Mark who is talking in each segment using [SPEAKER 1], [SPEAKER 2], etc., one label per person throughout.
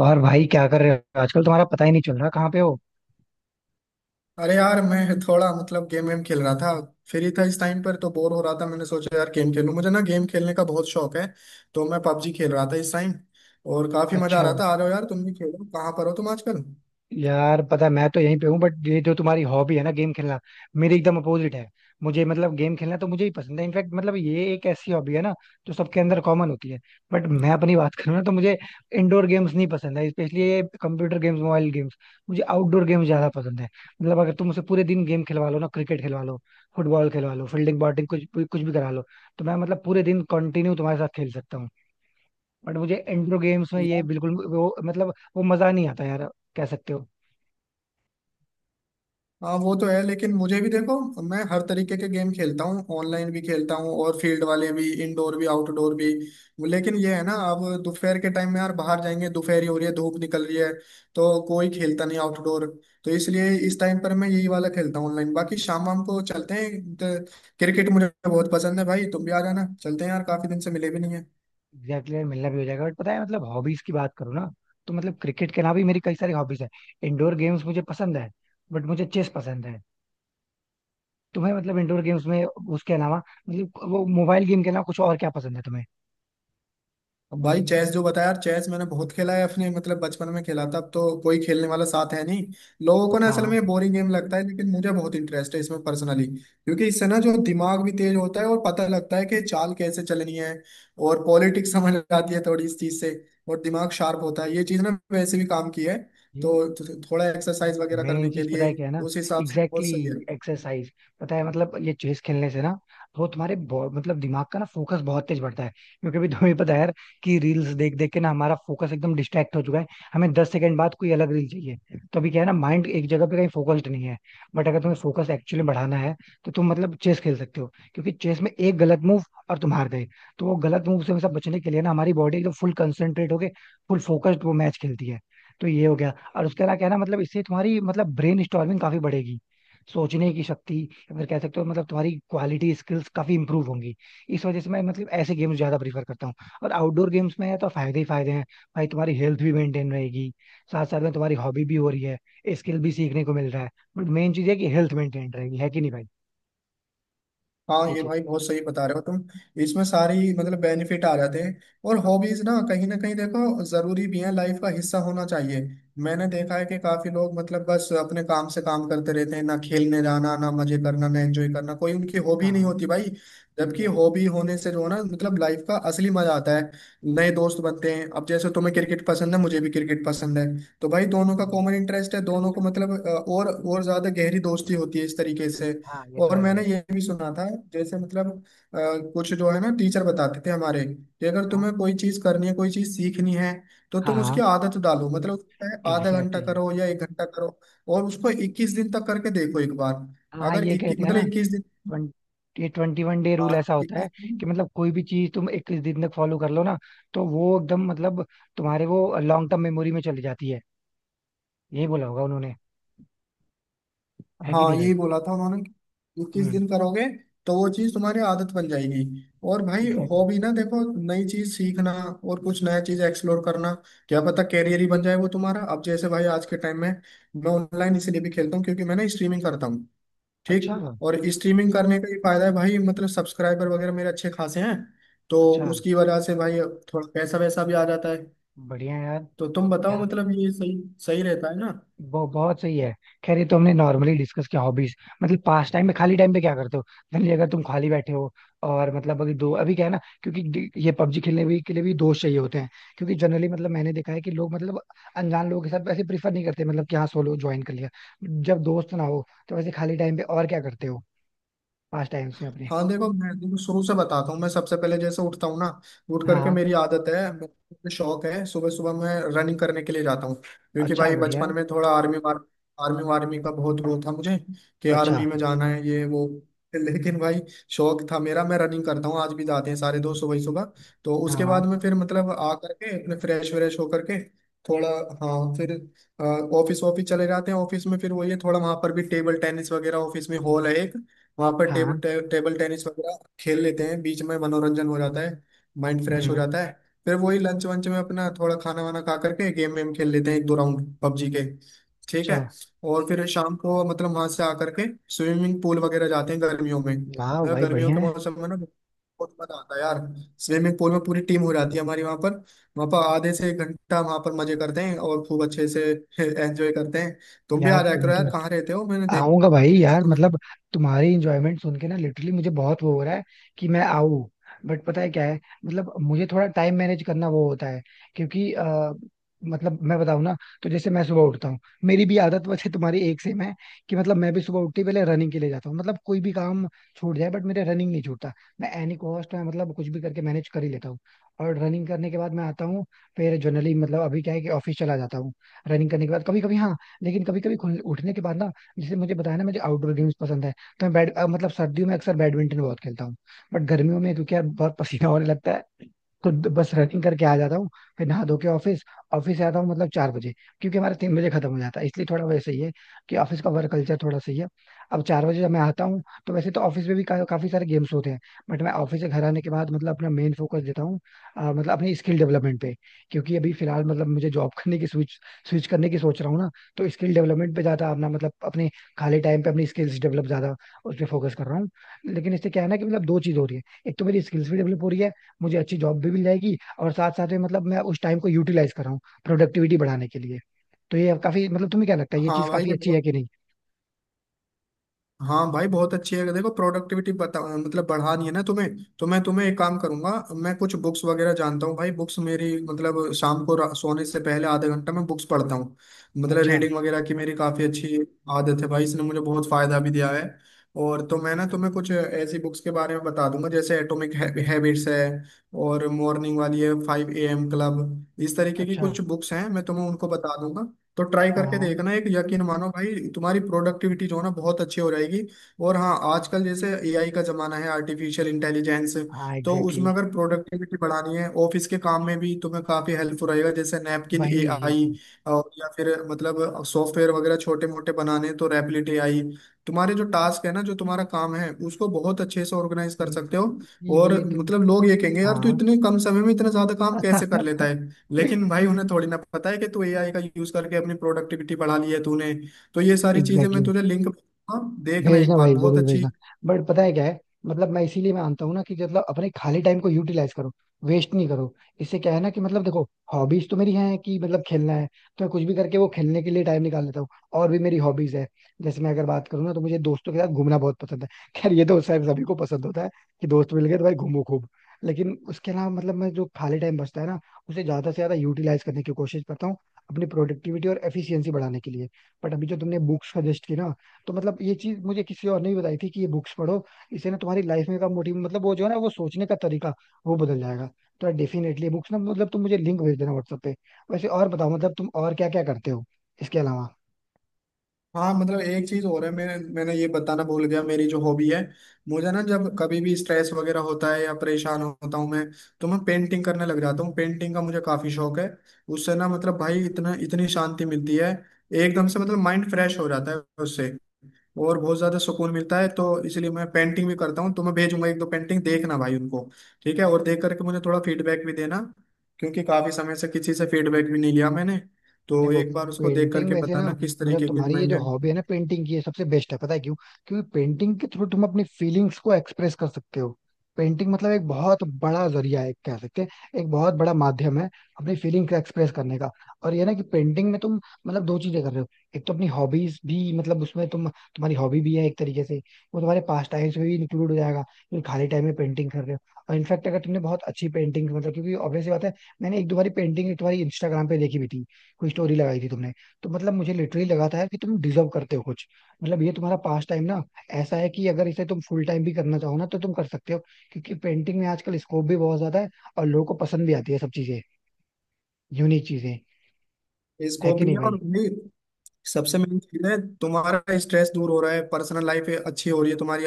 [SPEAKER 1] और भाई क्या कर रहे हो आजकल तुम्हारा पता ही नहीं चल रहा कहाँ पे हो।
[SPEAKER 2] अरे यार, मैं थोड़ा गेम वेम खेल रहा था। फ्री था इस टाइम पर तो बोर हो रहा था। मैंने सोचा यार गेम खेलूं, मुझे ना गेम खेलने का बहुत शौक है। तो मैं पबजी खेल रहा था इस टाइम, और काफी मजा आ
[SPEAKER 1] अच्छा
[SPEAKER 2] रहा था। आ रहे हो यार, तुम भी खेलो। कहाँ पर हो तुम आजकल?
[SPEAKER 1] यार पता मैं तो यहीं पे हूँ बट ये जो तुम्हारी हॉबी है ना गेम खेलना मेरी एकदम अपोजिट है। मुझे मतलब गेम खेलना तो मुझे ही पसंद है इनफैक्ट मतलब ये एक ऐसी हॉबी है ना जो सबके अंदर कॉमन होती है। बट मैं अपनी बात करूँ ना तो मुझे इंडोर गेम्स नहीं पसंद है, स्पेशली ये कंप्यूटर गेम्स, मोबाइल गेम्स। मुझे आउटडोर गेम्स ज्यादा पसंद है। मतलब अगर तुम मुझसे पूरे दिन गेम खिलवा लो ना, क्रिकेट खिलवा लो, फुटबॉल खिलवा लो, फील्डिंग, बॉलिंग, कुछ भी करा लो, तो मैं मतलब पूरे दिन कंटिन्यू तुम्हारे साथ खेल सकता हूँ। बट मुझे इंट्रो गेम्स में ये बिल्कुल वो मतलब वो मजा नहीं आता यार, कह सकते हो।
[SPEAKER 2] हाँ, वो तो है, लेकिन मुझे भी देखो, मैं हर तरीके के गेम खेलता हूँ। ऑनलाइन भी खेलता हूँ और फील्ड वाले भी, इंडोर भी आउटडोर भी। लेकिन ये है ना, अब दोपहर के टाइम में यार बाहर जाएंगे, दोपहर ही हो रही है, धूप निकल रही है, तो कोई खेलता नहीं आउटडोर। तो इसलिए इस टाइम पर मैं यही वाला खेलता हूँ ऑनलाइन, बाकी शाम वाम को चलते हैं तो। क्रिकेट मुझे बहुत पसंद है भाई, तुम भी आ जाना, चलते हैं यार, काफी दिन से मिले भी नहीं है।
[SPEAKER 1] एग्जैक्टली यार, मिलना भी हो जाएगा बट पता है, मतलब हॉबीज की बात करूँ ना, तो मतलब क्रिकेट के अलावा भी मेरी कई सारी हॉबीज है। इंडोर गेम्स मुझे पसंद है, बट मुझे चेस पसंद है। तुम्हें मतलब इंडोर गेम्स में उसके अलावा मतलब वो मोबाइल गेम के अलावा कुछ और क्या पसंद है तुम्हें?
[SPEAKER 2] अब भाई चेस जो बताया यार, चेस मैंने बहुत खेला है अपने बचपन में खेला था, अब तो कोई खेलने वाला साथ है नहीं। लोगों को ना असल
[SPEAKER 1] हाँ,
[SPEAKER 2] में बोरिंग गेम लगता है, लेकिन मुझे बहुत इंटरेस्ट है इसमें पर्सनली, क्योंकि इससे ना जो दिमाग भी तेज होता है और पता लगता है कि चाल कैसे चलनी है। और पॉलिटिक्स समझ आती है थोड़ी इस चीज से। और दिमाग शार्प होता है, ये चीज ना वैसे भी काम की है तो, थोड़ा एक्सरसाइज वगैरह करने
[SPEAKER 1] मेन
[SPEAKER 2] के
[SPEAKER 1] चीज पता
[SPEAKER 2] लिए
[SPEAKER 1] है क्या है ना।
[SPEAKER 2] उस हिसाब से
[SPEAKER 1] एग्जैक्टली
[SPEAKER 2] बहुत सही है।
[SPEAKER 1] exactly, exercise. पता है मतलब ये चेस खेलने से ना, वो तुम्हारे मतलब दिमाग का ना फोकस बहुत तेज बढ़ता है। क्योंकि अभी तुम्हें पता है यार, कि रील्स देख देख के ना हमारा फोकस एकदम डिस्ट्रैक्ट हो चुका है। हमें 10 सेकंड बाद कोई अलग रील चाहिए। तो अभी क्या है ना, माइंड एक जगह पे कहीं फोकस्ड नहीं है। बट अगर तुम्हें फोकस एक्चुअली बढ़ाना है, तो तुम मतलब चेस खेल सकते हो, क्योंकि चेस में एक गलत मूव और तुम हार गए। तो वो गलत मूव से हमेशा बचने के लिए ना हमारी बॉडी एकदम फुल कंसंट्रेट होके फुल फोकस्ड वो मैच खेलती है। तो ये हो गया। और उसके अलावा क्या है ना, मतलब इससे तुम्हारी मतलब ब्रेन स्टॉर्मिंग काफी बढ़ेगी, सोचने की शक्ति, या फिर कह सकते हो मतलब तुम्हारी क्वालिटी स्किल्स काफी इंप्रूव होंगी। इस वजह से मैं मतलब ऐसे गेम्स ज्यादा प्रीफर करता हूँ। और आउटडोर गेम्स में है तो फायदे ही फायदे हैं भाई। तुम्हारी हेल्थ भी मेंटेन रहेगी, साथ साथ में तुम्हारी हॉबी भी हो रही है, स्किल भी सीखने को मिल रहा है। बट मेन चीज है कि हेल्थ मेंटेन रहेगी, है कि नहीं भाई?
[SPEAKER 2] हाँ
[SPEAKER 1] ये
[SPEAKER 2] ये
[SPEAKER 1] चीज।
[SPEAKER 2] भाई बहुत सही बता रहे हो तुम, इसमें सारी बेनिफिट आ जाते हैं। और हॉबीज ना कहीं देखो जरूरी भी है, लाइफ का हिस्सा होना चाहिए। मैंने देखा है कि काफी लोग बस अपने काम से काम करते रहते हैं, ना खेलने जाना ना मजे करना ना एंजॉय करना, कोई उनकी हॉबी
[SPEAKER 1] हाँ,
[SPEAKER 2] नहीं
[SPEAKER 1] हाँ।
[SPEAKER 2] होती भाई। जबकि
[SPEAKER 1] Exactly.
[SPEAKER 2] हॉबी होने से जो है ना लाइफ का असली मजा आता है। नए दोस्त बनते हैं, अब जैसे तुम्हें क्रिकेट पसंद है, मुझे भी क्रिकेट पसंद है, तो भाई दोनों का
[SPEAKER 1] हम्म।
[SPEAKER 2] कॉमन इंटरेस्ट है, दोनों
[SPEAKER 1] Interest
[SPEAKER 2] को
[SPEAKER 1] है दोनों।
[SPEAKER 2] और ज्यादा गहरी दोस्ती होती है इस तरीके से।
[SPEAKER 1] हाँ ये तो
[SPEAKER 2] और
[SPEAKER 1] है
[SPEAKER 2] मैंने
[SPEAKER 1] भाई।
[SPEAKER 2] ये भी सुना था, जैसे अ, कुछ जो है ना, टीचर बताते थे हमारे, कि अगर
[SPEAKER 1] हाँ,
[SPEAKER 2] तुम्हें कोई चीज करनी है, कोई चीज सीखनी है, तो तुम
[SPEAKER 1] हाँ,
[SPEAKER 2] उसकी आदत डालो, उसमें आधा घंटा
[SPEAKER 1] एग्जैक्टली।
[SPEAKER 2] करो या एक घंटा करो, और उसको 21 दिन तक करके देखो एक बार।
[SPEAKER 1] हाँ, हाँ,
[SPEAKER 2] अगर
[SPEAKER 1] ये
[SPEAKER 2] इक्कीस
[SPEAKER 1] कहते हैं ना।
[SPEAKER 2] इक्कीस दिन,
[SPEAKER 1] ट्वेंटी ये ट्वेंटी वन डे
[SPEAKER 2] हाँ,
[SPEAKER 1] रूल ऐसा होता है,
[SPEAKER 2] 21,
[SPEAKER 1] कि मतलब कोई भी चीज तुम 21 दिन तक फॉलो कर लो ना, तो वो एकदम मतलब तुम्हारे वो लॉन्ग टर्म मेमोरी में चली जाती है। यही बोला होगा उन्होंने, है कि
[SPEAKER 2] हाँ
[SPEAKER 1] नहीं भाई?
[SPEAKER 2] यही बोला था उन्होंने, कि किस
[SPEAKER 1] हम्म।
[SPEAKER 2] दिन करोगे तो वो चीज तुम्हारी आदत बन जाएगी। और भाई
[SPEAKER 1] एग्जैक्टली।
[SPEAKER 2] हॉबी ना देखो, नई चीज सीखना और कुछ नया चीज एक्सप्लोर करना, क्या पता कैरियर ही बन जाए वो तुम्हारा। अब जैसे भाई, आज के टाइम में मैं ऑनलाइन इसलिए भी खेलता हूँ क्योंकि मैं ना स्ट्रीमिंग करता हूँ, ठीक।
[SPEAKER 1] अच्छा।
[SPEAKER 2] और स्ट्रीमिंग करने का ये फायदा है भाई, सब्सक्राइबर वगैरह मेरे अच्छे खासे हैं, तो
[SPEAKER 1] अच्छा,
[SPEAKER 2] उसकी वजह से भाई थोड़ा पैसा वैसा भी आ जाता है।
[SPEAKER 1] बढ़िया यार।
[SPEAKER 2] तो तुम बताओ,
[SPEAKER 1] यार
[SPEAKER 2] ये सही सही रहता है ना।
[SPEAKER 1] वो बहुत सही है। खैर ये तो हमने नॉर्मली डिस्कस किया हॉबीज, मतलब पास टाइम में, खाली टाइम पे क्या करते हो, जनरली अगर तुम खाली बैठे हो। और मतलब अभी दो अभी क्या है ना, क्योंकि ये पबजी खेलने भी के लिए भी दोस्त चाहिए होते हैं। क्योंकि जनरली मतलब मैंने देखा है कि लोग मतलब अनजान लोगों के साथ वैसे प्रीफर नहीं करते, मतलब कि हाँ, सोलो ज्वाइन कर लिया। जब दोस्त ना हो तो वैसे खाली टाइम पे और क्या करते हो, पास टाइम में अपने?
[SPEAKER 2] हाँ देखो, मैं देखो शुरू से बताता हूँ। मैं सबसे पहले जैसे उठता हूँ ना, उठ
[SPEAKER 1] हाँ,
[SPEAKER 2] करके
[SPEAKER 1] हाँ।
[SPEAKER 2] मेरी आदत है, मेरा शौक है, सुबह सुबह मैं रनिंग करने के लिए जाता हूँ, क्योंकि
[SPEAKER 1] अच्छा,
[SPEAKER 2] भाई
[SPEAKER 1] बढ़िया
[SPEAKER 2] बचपन
[SPEAKER 1] है।
[SPEAKER 2] में थोड़ा आर्मी वार, आर्मी वार्मी का बहुत वो था मुझे, कि
[SPEAKER 1] अच्छा।
[SPEAKER 2] आर्मी में जाना है ये वो लेकिन भाई, शौक था मेरा, मैं रनिंग करता हूँ, आज भी जाते हैं सारे दोस्त सुबह ही सुबह। तो उसके
[SPEAKER 1] हाँ,
[SPEAKER 2] बाद में फिर आ करके अपने फ्रेश व्रेश होकर के थोड़ा, हाँ फिर ऑफिस ऑफिस चले जाते हैं। ऑफिस में फिर वही है, थोड़ा वहां पर भी टेबल टेनिस वगैरह, ऑफिस में हॉल है एक, वहां पर टेब,
[SPEAKER 1] हाँ।
[SPEAKER 2] टे, टेबल टेनिस वगैरह खेल लेते हैं, बीच में मनोरंजन हो जाता है, माइंड फ्रेश हो
[SPEAKER 1] हम्म।
[SPEAKER 2] जाता है। फिर वही लंच वंच में अपना थोड़ा खाना वाना खा करके गेम वेम खेल लेते हैं, एक दो राउंड पबजी के, ठीक है।
[SPEAKER 1] अच्छा।
[SPEAKER 2] और फिर शाम को वहां से आकर के स्विमिंग पूल वगैरह जाते हैं गर्मियों में,
[SPEAKER 1] वाह भाई,
[SPEAKER 2] गर्मियों
[SPEAKER 1] बढ़िया
[SPEAKER 2] के
[SPEAKER 1] है।
[SPEAKER 2] मौसम में ना बहुत मजा आता है यार। स्विमिंग पूल में पूरी टीम हो जाती है हमारी वहां पर, वहां पर आधे से एक घंटा वहां पर मजे करते हैं और खूब अच्छे से एंजॉय करते हैं। तुम भी
[SPEAKER 1] यार
[SPEAKER 2] आ जाया
[SPEAKER 1] तुम
[SPEAKER 2] करो यार,
[SPEAKER 1] तो,
[SPEAKER 2] कहाँ रहते हो, मैंने
[SPEAKER 1] आऊंगा
[SPEAKER 2] देखा था
[SPEAKER 1] भाई
[SPEAKER 2] कहीं से
[SPEAKER 1] यार,
[SPEAKER 2] तुम्हें।
[SPEAKER 1] मतलब तुम्हारी इंजॉयमेंट सुन के ना लिटरली मुझे बहुत वो हो रहा है, कि मैं आऊं। बट पता है क्या है, मतलब मुझे थोड़ा टाइम मैनेज करना वो होता है। क्योंकि मतलब मैं बताऊं ना, तो जैसे मैं सुबह उठता हूँ, मेरी भी आदत वैसे तुम्हारी एक सेम है। कि मतलब मैं भी सुबह उठते ही पहले रनिंग के लिए जाता हूँ, मतलब कोई भी काम छूट जाए बट मेरा रनिंग नहीं छूटता। मैं एनी कॉस्ट में मतलब कुछ भी करके मैनेज कर ही लेता हूँ। और रनिंग करने के बाद मैं आता हूँ, फिर जनरली मतलब अभी क्या है कि ऑफिस चला जाता हूँ। रनिंग करने के बाद कभी कभी हाँ, लेकिन कभी कभी उठने के बाद ना, जैसे मुझे बताया ना मुझे आउटडोर गेम्स पसंद है, तो मैं मतलब सर्दियों में अक्सर बैडमिंटन बहुत खेलता हूँ। बट गर्मियों में क्योंकि यार बहुत पसीना होने लगता है, तो बस रनिंग करके आ जाता हूँ। फिर नहा धो के ऑफिस। ऑफिस से आता हूँ मतलब 4 बजे, क्योंकि हमारा 3 बजे खत्म हो जाता है, इसलिए थोड़ा वैसे ही है, कि ऑफिस का वर्क कल्चर थोड़ा सही है। अब 4 बजे जब मैं आता हूँ, तो वैसे तो ऑफिस में भी काफी सारे गेम्स होते हैं। बट मैं ऑफिस से घर आने के बाद मतलब अपना मेन फोकस देता हूँ मतलब अपनी स्किल डेवलपमेंट पे। क्योंकि अभी फिलहाल मतलब मुझे जॉब करने की स्विच स्विच करने की सोच रहा हूँ ना, तो स्किल डेवलपमेंट पे ज्यादा अपना मतलब अपने खाली टाइम पे अपनी स्किल्स डेवलप ज्यादा, उस पर फोकस कर रहा हूँ। लेकिन इससे क्या है ना कि मतलब दो चीज हो रही है। एक तो मेरी स्किल्स भी डेवलप हो रही है, मुझे अच्छी जॉब भी मिल जाएगी, और साथ साथ में मतलब मैं उस टाइम को यूटिलाइज कर रहा हूँ प्रोडक्टिविटी बढ़ाने के लिए। तो ये काफी मतलब तुम्हें क्या लगता है, ये
[SPEAKER 2] हाँ
[SPEAKER 1] चीज
[SPEAKER 2] भाई
[SPEAKER 1] काफी
[SPEAKER 2] ये
[SPEAKER 1] अच्छी है
[SPEAKER 2] बहुत,
[SPEAKER 1] कि नहीं?
[SPEAKER 2] हाँ भाई बहुत अच्छी है। देखो प्रोडक्टिविटी बता, बढ़ानी है ना तुम्हें, तो मैं तुम्हें एक काम करूंगा, मैं कुछ बुक्स वगैरह जानता हूँ भाई। बुक्स मेरी, शाम को सोने से पहले आधा घंटा मैं बुक्स पढ़ता हूँ।
[SPEAKER 1] अच्छा।
[SPEAKER 2] रीडिंग वगैरह की मेरी काफ़ी अच्छी आदत है भाई, इसने मुझे बहुत फ़ायदा भी दिया है। और तो मैं ना तुम्हें कुछ ऐसी बुक्स के बारे में बता दूंगा, जैसे एटॉमिक हैबिट्स है, और मॉर्निंग वाली है 5 AM क्लब। इस तरीके की
[SPEAKER 1] अच्छा।
[SPEAKER 2] कुछ बुक्स हैं, मैं तुम्हें उनको बता दूंगा। तो ट्राई
[SPEAKER 1] हाँ,
[SPEAKER 2] करके
[SPEAKER 1] हाँ।
[SPEAKER 2] देखना एक, यकीन मानो भाई तुम्हारी प्रोडक्टिविटी जो है ना बहुत अच्छी हो जाएगी। और हाँ, आजकल जैसे एआई का जमाना है, आर्टिफिशियल इंटेलिजेंस,
[SPEAKER 1] हाँ,
[SPEAKER 2] तो
[SPEAKER 1] एग्जैक्टली।
[SPEAKER 2] उसमें अगर प्रोडक्टिविटी बढ़ानी है ऑफिस के काम में भी, तुम्हें काफी हेल्पफुल रहेगा, जैसे नैपकिन
[SPEAKER 1] वही चीज
[SPEAKER 2] एआई।
[SPEAKER 1] है।
[SPEAKER 2] और या फिर सॉफ्टवेयर वगैरह छोटे मोटे बनाने हैं, तो रैपलिट एआई। तुम्हारे जो टास्क है ना, जो तुम्हारा काम है, उसको बहुत अच्छे से ऑर्गेनाइज कर
[SPEAKER 1] हम्म,
[SPEAKER 2] सकते हो। और
[SPEAKER 1] इसीलिए तो।
[SPEAKER 2] लोग ये कहेंगे यार, तू
[SPEAKER 1] हाँ।
[SPEAKER 2] इतने कम समय में इतना ज्यादा काम कैसे कर लेता है, लेकिन भाई उन्हें थोड़ी ना पता है कि तू एआई का यूज करके अपनी प्रोडक्टिविटी बढ़ा ली है तूने। तो ये सारी चीजें मैं
[SPEAKER 1] एग्जैक्टली,
[SPEAKER 2] तुझे लिंक भेजूंगा, देखना एक
[SPEAKER 1] भेजना
[SPEAKER 2] बार,
[SPEAKER 1] भाई,
[SPEAKER 2] बहुत
[SPEAKER 1] जरूर
[SPEAKER 2] अच्छी।
[SPEAKER 1] भेजना। बट पता है क्या है, मतलब मैं इसीलिए मानता हूँ ना कि मतलब अपने खाली टाइम को यूटिलाइज करो, वेस्ट नहीं करो। इससे क्या है ना कि मतलब देखो, हॉबीज तो मेरी हैं कि मतलब खेलना है तो मैं कुछ भी करके वो खेलने के लिए टाइम निकाल लेता हूँ। और भी मेरी हॉबीज है, जैसे मैं अगर बात करूँ ना, तो मुझे दोस्तों के साथ घूमना बहुत पसंद है। खैर ये तो शायद सभी को पसंद होता है, कि दोस्त मिल गए तो भाई घूमो खूब। लेकिन उसके अलावा मतलब मैं जो खाली टाइम बचता है ना, उसे ज्यादा से ज्यादा यूटिलाइज करने की कोशिश करता हूँ, अपनी प्रोडक्टिविटी और एफिशिएंसी बढ़ाने के लिए। बट अभी जो तुमने बुक्स सजेस्ट की ना, तो मतलब ये चीज मुझे किसी और ने भी बताई थी, कि ये बुक्स पढ़ो, इससे ना तुम्हारी लाइफ में का मोटिव मतलब वो जो है ना वो सोचने का तरीका वो बदल जाएगा। तो डेफिनेटली बुक्स ना मतलब तुम मुझे लिंक भेज देना व्हाट्सएप पे। वैसे और बताओ मतलब तुम और क्या क्या करते हो इसके अलावा?
[SPEAKER 2] हाँ एक चीज और है, मैंने मैंने ये बताना भूल गया, मेरी जो हॉबी है, मुझे ना जब कभी भी स्ट्रेस वगैरह होता है या परेशान होता हूँ मैं, तो मैं पेंटिंग करने लग जाता हूँ। पेंटिंग का मुझे काफी शौक है, उससे ना भाई इतना इतनी शांति मिलती है। एकदम से माइंड फ्रेश हो जाता है उससे, और बहुत ज्यादा सुकून मिलता है, तो इसलिए मैं पेंटिंग भी करता हूँ। तो मैं भेजूंगा एक दो पेंटिंग, देखना भाई उनको, ठीक है, और देख करके मुझे थोड़ा फीडबैक भी देना, क्योंकि काफी समय से किसी से फीडबैक भी नहीं लिया मैंने। तो
[SPEAKER 1] देखो,
[SPEAKER 2] एक बार उसको देख
[SPEAKER 1] पेंटिंग
[SPEAKER 2] करके
[SPEAKER 1] वैसे ना,
[SPEAKER 2] बताना किस
[SPEAKER 1] मतलब
[SPEAKER 2] तरीके की
[SPEAKER 1] तुम्हारी ये
[SPEAKER 2] ड्राइंग
[SPEAKER 1] जो
[SPEAKER 2] है।
[SPEAKER 1] हॉबी है ना पेंटिंग की, ये सबसे बेस्ट है, पता है क्यों? क्योंकि पेंटिंग के थ्रू तुम अपनी फीलिंग्स को एक्सप्रेस कर सकते हो। पेंटिंग मतलब एक बहुत बड़ा जरिया है, कह सकते हैं एक बहुत बड़ा माध्यम है अपनी फीलिंग को एक्सप्रेस करने का। और ये ना कि पेंटिंग में तुम मतलब दो चीजें कर रहे हो। एक तो अपनी हॉबीज भी मतलब उसमें तुम, तुम्हारी हॉबी भी है एक तरीके से, वो तुम्हारे पास टाइम्स में भी इंक्लूड हो जाएगा, क्योंकि खाली टाइम में पेंटिंग कर रहे हो। और इनफैक्ट अगर तुमने बहुत अच्छी पेंटिंग मतलब क्योंकि ऑब्वियसली बात है, मैंने एक दो बारी पेंटिंग तुम्हारी इंस्टाग्राम पे देखी भी थी, कोई स्टोरी लगाई थी तुमने। तो मतलब मुझे लिटरली लगा था यार कि तुम डिजर्व करते हो कुछ। मतलब ये तुम्हारा पास टाइम ना ऐसा है कि अगर इसे तुम फुल टाइम भी करना चाहो ना तो तुम कर सकते हो, क्योंकि पेंटिंग में आजकल स्कोप भी बहुत ज्यादा है, और लोगों को पसंद भी आती है सब चीजें, यूनिक चीजें। है
[SPEAKER 2] इसको
[SPEAKER 1] कि
[SPEAKER 2] भी
[SPEAKER 1] नहीं भाई?
[SPEAKER 2] और नहीं, सबसे मेन चीज है तुम्हारा स्ट्रेस दूर हो रहा है, पर्सनल लाइफ अच्छी हो रही है तुम्हारी,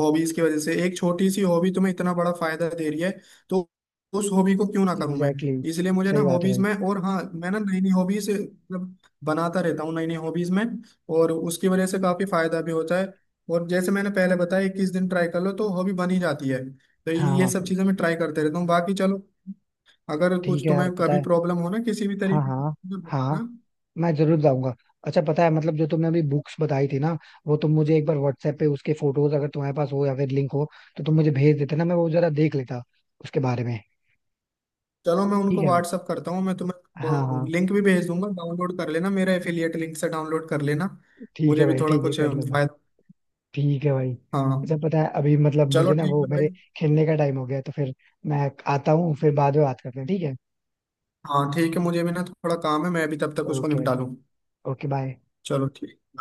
[SPEAKER 2] हॉबीज की वजह से। एक छोटी सी हॉबी तुम्हें इतना बड़ा फायदा दे रही है, तो उस हॉबी को क्यों ना करूं मैं।
[SPEAKER 1] एग्जैक्टली
[SPEAKER 2] इसलिए
[SPEAKER 1] exactly.
[SPEAKER 2] मुझे ना
[SPEAKER 1] सही बात है
[SPEAKER 2] हॉबीज
[SPEAKER 1] भाई।
[SPEAKER 2] में, और हाँ मैं ना नई नई हॉबीज बनाता रहता हूँ, नई नई हॉबीज में, और उसकी वजह से काफी फायदा भी होता है। और जैसे मैंने पहले बताया, 21 दिन ट्राई कर लो तो हॉबी बन ही जाती है, तो
[SPEAKER 1] हाँ,
[SPEAKER 2] ये सब
[SPEAKER 1] हाँ।
[SPEAKER 2] चीजें मैं ट्राई करते रहता हूँ, बाकी चलो। अगर
[SPEAKER 1] ठीक
[SPEAKER 2] कुछ
[SPEAKER 1] है यार,
[SPEAKER 2] तुम्हें
[SPEAKER 1] पता
[SPEAKER 2] कभी
[SPEAKER 1] है।
[SPEAKER 2] प्रॉब्लम हो ना किसी भी
[SPEAKER 1] हाँ,
[SPEAKER 2] तरीके की
[SPEAKER 1] हाँ।
[SPEAKER 2] तो
[SPEAKER 1] हाँ,
[SPEAKER 2] बताना।
[SPEAKER 1] मैं जरूर जाऊंगा। अच्छा पता है मतलब जो तुमने अभी बुक्स बताई थी ना, वो तुम मुझे एक बार व्हाट्सएप पे उसके फोटोज अगर तुम्हारे पास हो या फिर लिंक हो, तो तुम मुझे भेज देते ना, मैं वो जरा देख लेता उसके बारे में।
[SPEAKER 2] चलो मैं
[SPEAKER 1] ठीक
[SPEAKER 2] उनको
[SPEAKER 1] है।
[SPEAKER 2] व्हाट्सअप करता हूँ, मैं
[SPEAKER 1] हाँ, हाँ।
[SPEAKER 2] तुम्हें लिंक भी भेज दूंगा, डाउनलोड कर लेना, मेरा एफिलिएट लिंक से डाउनलोड कर लेना,
[SPEAKER 1] ठीक है
[SPEAKER 2] मुझे भी
[SPEAKER 1] भाई,
[SPEAKER 2] थोड़ा
[SPEAKER 1] ठीक है,
[SPEAKER 2] कुछ
[SPEAKER 1] कर लूंगा।
[SPEAKER 2] फायदा।
[SPEAKER 1] ठीक है भाई। अच्छा
[SPEAKER 2] हाँ,
[SPEAKER 1] पता है अभी मतलब
[SPEAKER 2] चलो
[SPEAKER 1] मुझे ना
[SPEAKER 2] ठीक
[SPEAKER 1] वो
[SPEAKER 2] है
[SPEAKER 1] मेरे
[SPEAKER 2] भाई।
[SPEAKER 1] खेलने का टाइम हो गया है, तो फिर मैं आता हूँ, फिर बाद में बात करते हैं, ठीक है?
[SPEAKER 2] हाँ ठीक है, मुझे भी ना थोड़ा काम है, मैं भी तब तक उसको
[SPEAKER 1] ओके भाई।
[SPEAKER 2] निपटा लूँ।
[SPEAKER 1] Okay bye.
[SPEAKER 2] चलो ठीक।